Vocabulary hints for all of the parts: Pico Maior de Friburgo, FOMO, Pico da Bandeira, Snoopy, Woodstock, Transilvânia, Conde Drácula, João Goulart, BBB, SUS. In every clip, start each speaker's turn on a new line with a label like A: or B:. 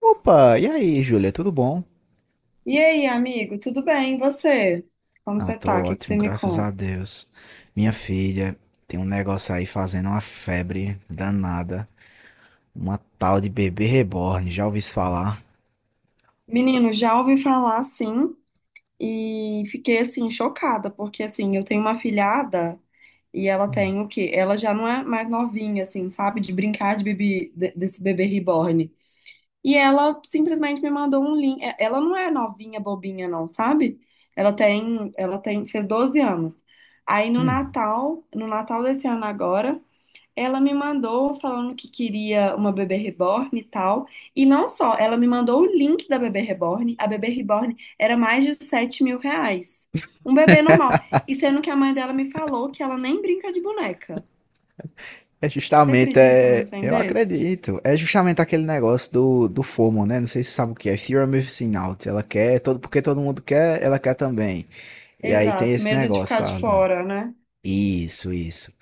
A: Opa, e aí, Júlia, tudo bom?
B: E aí, amigo, tudo bem? E você? Como
A: Ah,
B: você
A: tô
B: tá? O que que você
A: ótimo,
B: me
A: graças a
B: conta?
A: Deus. Minha filha tem um negócio aí fazendo uma febre danada, uma tal de bebê reborn, já ouvi isso falar?
B: Menino, já ouvi falar sim e fiquei assim chocada, porque assim, eu tenho uma filhada e ela
A: Hum.
B: tem o quê? Ela já não é mais novinha assim, sabe, de brincar de bebê desse bebê reborn. E ela simplesmente me mandou um link. É, ela não é novinha bobinha não, sabe? Ela tem fez 12 anos. Aí no
A: Hum.
B: Natal, no Natal desse ano agora, ela me mandou falando que queria uma bebê reborn e tal. E não só, ela me mandou o link da bebê reborn. A bebê reborn era mais de R$ 7.000. Um bebê normal. E sendo que a mãe dela me falou que ela nem brinca de boneca. Você acredita num trem
A: Eu
B: desse?
A: acredito, é justamente aquele negócio do FOMO, né? Não sei se você sabe o que é, Fear of Missing Out. Porque todo mundo quer, ela quer também. E aí tem
B: Exato,
A: esse
B: medo de
A: negócio,
B: ficar de
A: sabe?
B: fora, né?
A: Isso, isso.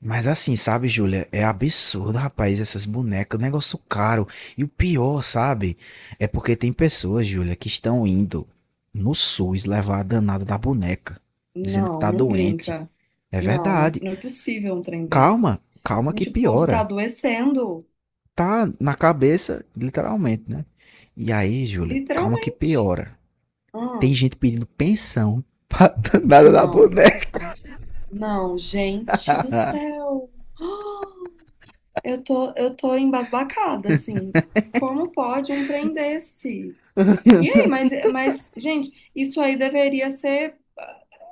A: Mas assim, sabe, Júlia? É absurdo, rapaz, essas bonecas, negócio caro. E o pior, sabe? É porque tem pessoas, Júlia, que estão indo no SUS levar a danada da boneca, dizendo que
B: Não,
A: tá
B: não
A: doente.
B: brinca.
A: É
B: Não, não é,
A: verdade.
B: não é possível um trem desse.
A: Calma, calma que
B: Gente, o povo tá
A: piora.
B: adoecendo,
A: Tá na cabeça, literalmente, né? E aí, Júlia, calma que
B: literalmente.
A: piora.
B: Ah,
A: Tem gente pedindo pensão pra danada da
B: não.
A: boneca.
B: Não, gente do céu. Ah, eu tô embasbacada, assim. Como pode um trem desse? E aí, mas, gente, isso aí deveria ser.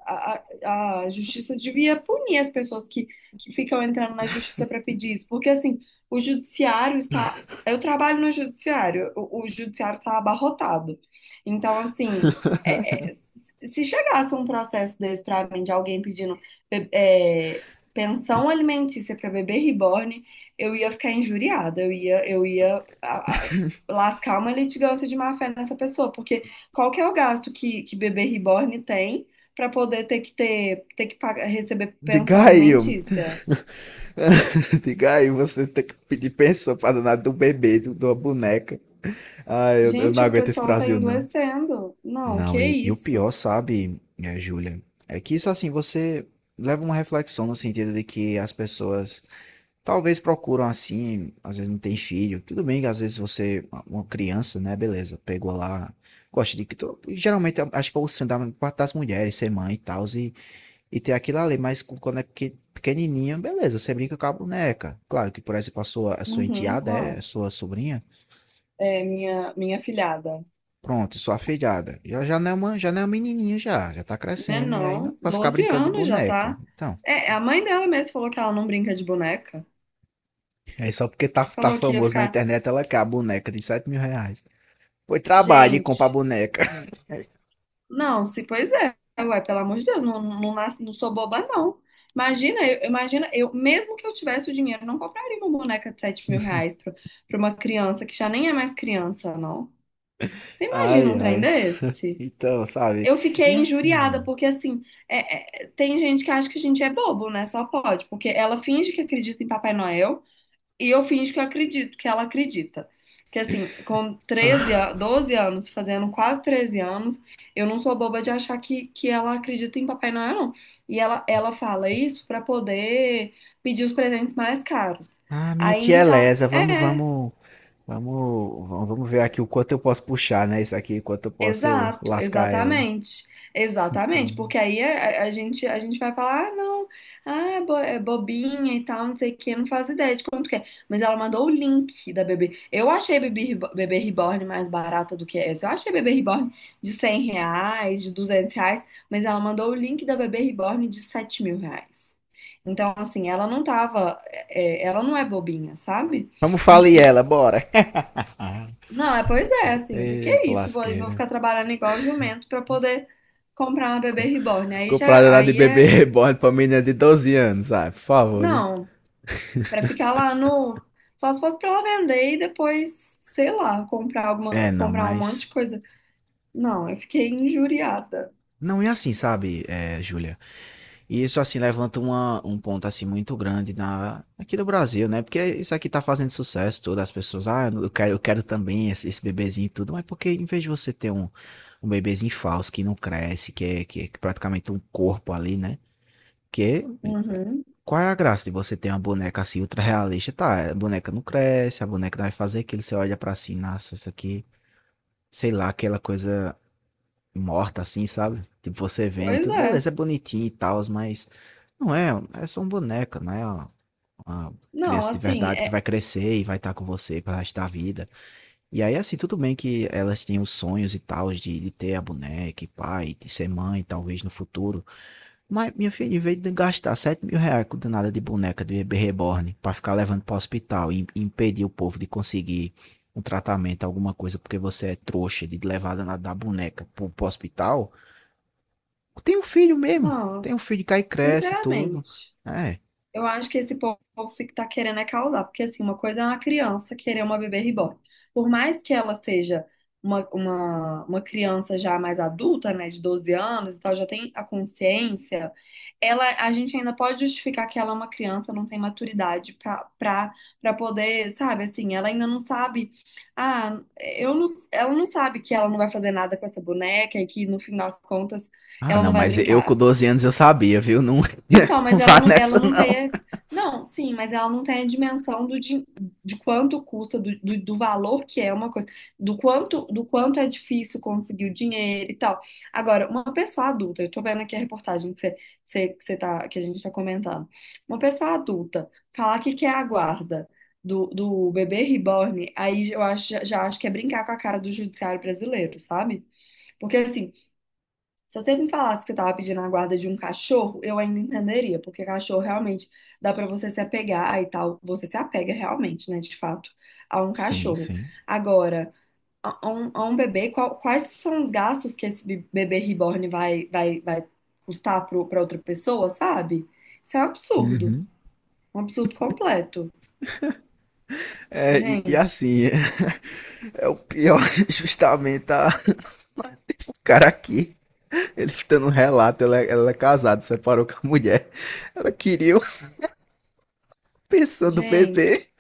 B: A justiça devia punir as pessoas que ficam entrando na justiça para pedir isso. Porque, assim, o judiciário está. Eu trabalho no judiciário, o judiciário está abarrotado. Então, assim, é- é, se chegasse um processo desse para mim, de alguém pedindo be- é, pensão alimentícia para bebê reborn, eu ia ficar injuriada, eu ia lascar uma litigância de má fé nessa pessoa, porque qual que é o gasto que bebê reborn tem para poder ter que pagar, receber pensão
A: Diga aí, ô,
B: alimentícia?
A: diga aí, você tem que pedir pensão pra danar do bebê, da boneca. Ah, eu
B: Gente,
A: não
B: o
A: aguento esse
B: pessoal tá
A: Brasil, não.
B: endoecendo. Não, que
A: Não, e o
B: isso?
A: pior, sabe, é, Júlia, é que isso assim, você leva uma reflexão no sentido de que as pessoas talvez procuram assim, às vezes não tem filho, tudo bem que às vezes você, uma criança, né, beleza, pegou lá, gosta de que, geralmente eu acho que é o sonho da maior parte das mulheres ser mãe e tal, e tem aquilo ali, mas quando é pequenininha, beleza, você brinca com a boneca. Claro que, por exemplo, a sua
B: Uhum,
A: enteada é, a
B: qual?
A: sua sobrinha,
B: É minha filhada.
A: pronto, sua afilhada. Já não é uma, já não é uma menininha já, já tá
B: Né,
A: crescendo, e aí não é
B: não,
A: pra ficar
B: 12
A: brincando de
B: anos já
A: boneca.
B: tá.
A: Então,
B: É, a mãe dela mesmo falou que ela não brinca de boneca.
A: é só porque tá
B: Falou que ia
A: famoso na
B: ficar,
A: internet, ela quer a boneca de R$ 7.000. Foi trabalho e compra a
B: gente,
A: boneca.
B: não, se pois é, ué, pelo amor de Deus, não, não, não sou boba, não. Imagina, eu, mesmo que eu tivesse o dinheiro, eu não compraria uma boneca de R$ 7.000 pra uma criança que já nem é mais criança, não. Você imagina
A: Ai,
B: um trem
A: ai.
B: desse?
A: Então, sabe?
B: Eu
A: E
B: fiquei injuriada,
A: assim...
B: porque assim, tem gente que acha que a gente é bobo, né? Só pode, porque ela finge que acredita em Papai Noel, e eu finjo que eu acredito, que ela acredita. Que assim, com 12 anos, fazendo quase 13 anos, eu não sou boba de achar que ela acredita em Papai Noel, não. E ela fala isso pra poder pedir os presentes mais caros.
A: Ah, minha
B: Aí,
A: tia
B: inicial,
A: Elesa, vamos,
B: é,
A: vamos vamos, vamos ver aqui o quanto eu posso puxar, né? Isso aqui, o quanto eu posso
B: Exato,
A: lascar ela.
B: exatamente, exatamente,
A: Hum.
B: porque aí a gente vai falar, ah, não, ah, é bobinha e tal, não sei o que, não faz ideia de quanto que é, mas ela mandou o link da bebê, eu achei a bebê Reborn mais barata do que essa, eu achei a bebê Reborn de R$ 100, de R$ 200, mas ela mandou o link da bebê Reborn de R$ 7.000, então assim, ela não tava, ela não é bobinha, sabe?
A: Vamos falir ela, bora. Ah,
B: Não, é, pois é, assim, que é
A: eita
B: isso? Vou
A: lasqueira.
B: ficar trabalhando igual jumento pra poder comprar uma bebê
A: Co-
B: reborn. Aí já,
A: Comprada na de
B: aí
A: bebê
B: é,
A: reborn pra menina de 12 anos, sabe? Por favor, né?
B: não, pra ficar lá no, só se fosse pra ela vender e depois, sei lá, comprar alguma,
A: É, não,
B: comprar um monte de
A: mas.
B: coisa. Não, eu fiquei injuriada.
A: Não é assim, sabe, é, Júlia? E isso, assim, levanta um ponto, assim, muito grande na, aqui no Brasil, né? Porque isso aqui tá fazendo sucesso, todas as pessoas, ah, eu quero também esse bebezinho e tudo, mas porque em vez de você ter um bebezinho falso que não cresce, que é praticamente um corpo ali, né? Que
B: Uhum.
A: qual é a graça de você ter uma boneca assim ultra realista? Tá, a boneca não cresce, a boneca não vai fazer aquilo, você olha pra si, nossa, isso aqui, sei lá, aquela coisa morta, assim, sabe? Tipo, você vende e
B: Pois
A: tudo,
B: é.
A: beleza, é bonitinho e tal, mas não é, é só um boneco, né? É uma
B: Não,
A: criança de
B: assim,
A: verdade que
B: é,
A: vai crescer e vai estar com você para resto da vida. E aí, assim, tudo bem que elas tinham os sonhos e tal de ter a boneca e pai, de ser mãe, talvez no futuro. Mas, minha filha, em vez de gastar R$ 7.000 com danada de boneca de bebê reborn para ficar levando para o hospital e impedir o povo de conseguir um tratamento, alguma coisa, porque você é trouxa de levar a danada da boneca para o hospital, tem um filho mesmo.
B: não,
A: Tem um filho que aí cresce e tudo.
B: sinceramente.
A: É.
B: Eu acho que esse povo que tá querendo é causar, porque assim, uma coisa é uma criança querer uma bebê reborn. Por mais que ela seja uma criança já mais adulta, né, de 12 anos e tal, já tem a consciência, ela, a gente ainda pode justificar que ela é uma criança, não tem maturidade pra poder, sabe, assim, ela ainda não sabe, ah, eu não, ela não sabe que ela não vai fazer nada com essa boneca e que no fim das contas
A: Ah,
B: ela
A: não,
B: não vai
A: mas eu com
B: brincar.
A: 12 anos eu sabia, viu? Não,
B: Então,
A: não
B: mas ela
A: vá
B: não, ela
A: nessa,
B: não
A: não.
B: tem. Não, sim, mas ela não tem a dimensão de, quanto custa, do valor que é uma coisa, do quanto é difícil conseguir o dinheiro e tal. Agora, uma pessoa adulta, eu tô vendo aqui a reportagem que você, você, que você tá, que a gente tá comentando. Uma pessoa adulta falar que quer a guarda do bebê reborn, aí eu acho, já acho que é brincar com a cara do judiciário brasileiro, sabe? Porque assim, se você me falasse que você estava pedindo a guarda de um cachorro, eu ainda entenderia, porque cachorro realmente dá para você se apegar e tal. Você se apega realmente, né, de fato, a um
A: Sim,
B: cachorro.
A: sim.
B: Agora, a um bebê, quais são os gastos que esse bebê reborn vai custar para outra pessoa, sabe? Isso é
A: Uhum.
B: um absurdo completo.
A: É, e
B: Gente,
A: assim, é o pior, justamente a, o cara aqui, ele tá dando um relato, ela é casada, separou com a mulher, ela queria pensando do bebê.
B: gente.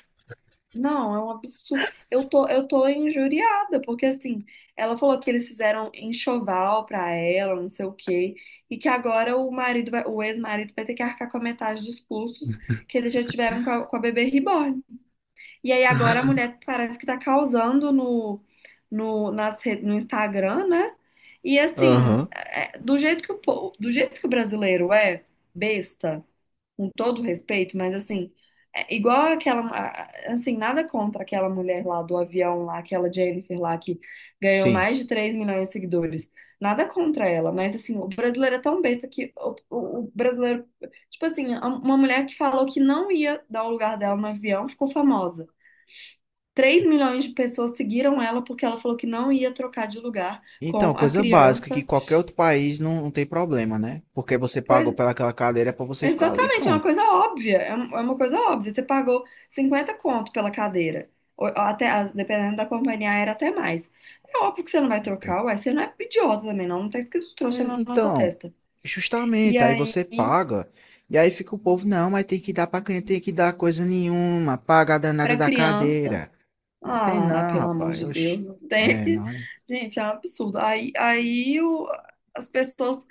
B: Não, é um absurdo. Eu tô injuriada, porque assim, ela falou que eles fizeram enxoval pra ela, não sei o quê, e que agora o ex-marido vai ter que arcar com a metade dos custos que eles já tiveram com a bebê reborn. E aí agora a mulher parece que tá causando no Instagram, né? E assim,
A: Aham,
B: do jeito que o brasileiro é besta com todo respeito, mas assim, é igual assim, nada contra aquela mulher lá do avião lá, aquela Jennifer lá que ganhou
A: sim.
B: mais de 3 milhões de seguidores. Nada contra ela, mas assim, o brasileiro é tão besta que o brasileiro, tipo assim, uma mulher que falou que não ia dar o lugar dela no avião ficou famosa. 3 milhões de pessoas seguiram ela porque ela falou que não ia trocar de lugar
A: Então,
B: com a
A: coisa básica que
B: criança.
A: qualquer outro país não tem problema, né? Porque você
B: Pois,
A: pagou pelaquela cadeira pra você ficar ali,
B: exatamente, é uma
A: pronto.
B: coisa óbvia, é uma coisa óbvia. Você pagou 50 conto pela cadeira, ou até, dependendo da companhia aérea, até mais. É óbvio que você não vai
A: Então,
B: trocar, uai, você não é idiota também, não, não tá escrito trouxa
A: Mas,
B: na nossa
A: Então,
B: testa. E
A: justamente, aí
B: aí,
A: você paga, e aí fica o povo, não, mas tem que dar pra criança, tem que dar coisa nenhuma, paga a danada
B: pra
A: da
B: criança,
A: cadeira. É, tem
B: ah,
A: não,
B: pelo amor
A: rapaz,
B: de Deus,
A: oxi.
B: não tem
A: É,
B: que...
A: não, é?
B: Gente, é um absurdo. As pessoas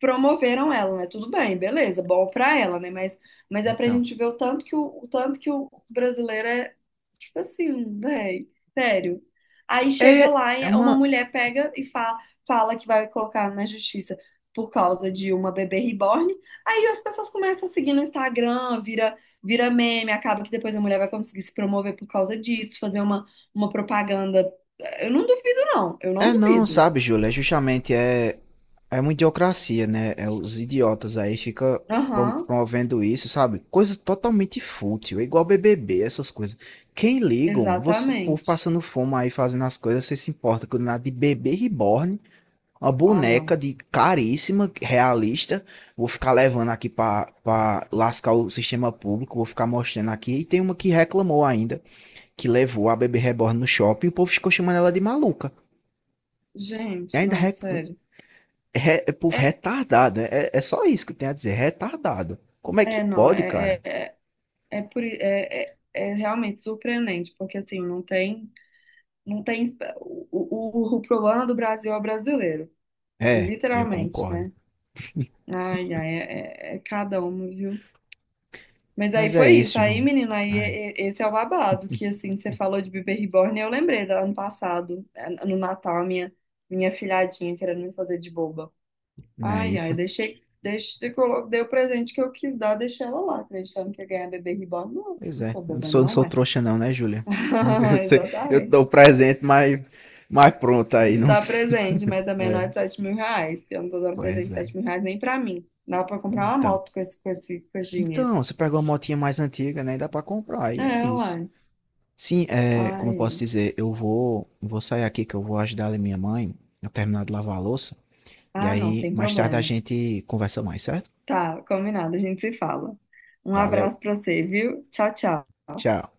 B: promoveram ela, né? Tudo bem, beleza, bom pra ela, né? Mas é pra
A: Então.
B: gente ver o tanto que o brasileiro é. Tipo assim, véi, sério. Aí
A: É,
B: chega lá
A: é
B: e
A: uma,
B: uma mulher pega e fa fala que vai colocar na justiça por causa de uma bebê reborn. Aí as pessoas começam a seguir no Instagram, vira meme, acaba que depois a mulher vai conseguir se promover por causa disso, fazer uma propaganda. Eu não duvido, não. Eu não
A: é, não,
B: duvido.
A: sabe, Júlia, é justamente é, é uma idiocracia, né? É os idiotas aí fica
B: Aham,
A: promovendo isso, sabe? Coisa totalmente fútil, é igual BBB, essas coisas. Quem liga, mano? Você, povo
B: exatamente.
A: passando fome aí fazendo as coisas, você se importa com nada de bebê reborn, uma
B: Ah, não.
A: boneca de caríssima, realista. Vou ficar levando aqui pra lascar o sistema público, vou ficar mostrando aqui. E tem uma que reclamou ainda, que levou a bebê reborn no shopping, e o povo ficou chamando ela de maluca. E
B: Gente,
A: ainda
B: não, sério.
A: É povo
B: É,
A: retardado, né? É só isso que eu tenho a dizer, retardado. Como é que
B: é, não,
A: pode, cara?
B: é, é, é É, é realmente surpreendente, porque assim, não tem o problema do Brasil é brasileiro,
A: É, eu
B: literalmente,
A: concordo.
B: né? Ai, ai, é cada um, viu? Mas aí
A: Mas é
B: foi isso,
A: isso,
B: aí,
A: João.
B: menino, aí
A: Ai,
B: esse é o babado, que assim, você falou de bebê reborn, eu lembrei do ano passado, no Natal, a minha filhadinha querendo me fazer de boba.
A: não é
B: Ai, ai,
A: isso?
B: dei o presente que eu quis dar, deixei ela lá, acreditando que ia ganhar bebê reborn. Não,
A: Pois
B: não
A: é,
B: sou
A: eu não
B: boba,
A: sou, não
B: não,
A: sou
B: é.
A: trouxa não, né, Júlia? Eu sei, eu
B: Exatamente.
A: dou presente, mas pronto
B: Não
A: aí,
B: te
A: não...
B: dá presente, mas também não é
A: É,
B: de 7 mil reais. Eu não tô dando presente
A: pois
B: de
A: é.
B: 7 mil reais nem pra mim. Dá pra comprar uma
A: Então,
B: moto com esse, dinheiro.
A: então, você pegou uma motinha mais antiga, né? Dá pra comprar, aí
B: É,
A: é isso.
B: uai.
A: Sim, é,
B: Ai,
A: como eu posso
B: ai.
A: dizer, eu vou, vou sair aqui que eu vou ajudar a minha mãe a terminar de lavar a louça. E
B: Ah, não,
A: aí,
B: sem
A: mais tarde a
B: problemas.
A: gente conversa mais, certo?
B: Tá, combinado, a gente se fala. Um
A: Valeu,
B: abraço pra você, viu? Tchau, tchau.
A: tchau.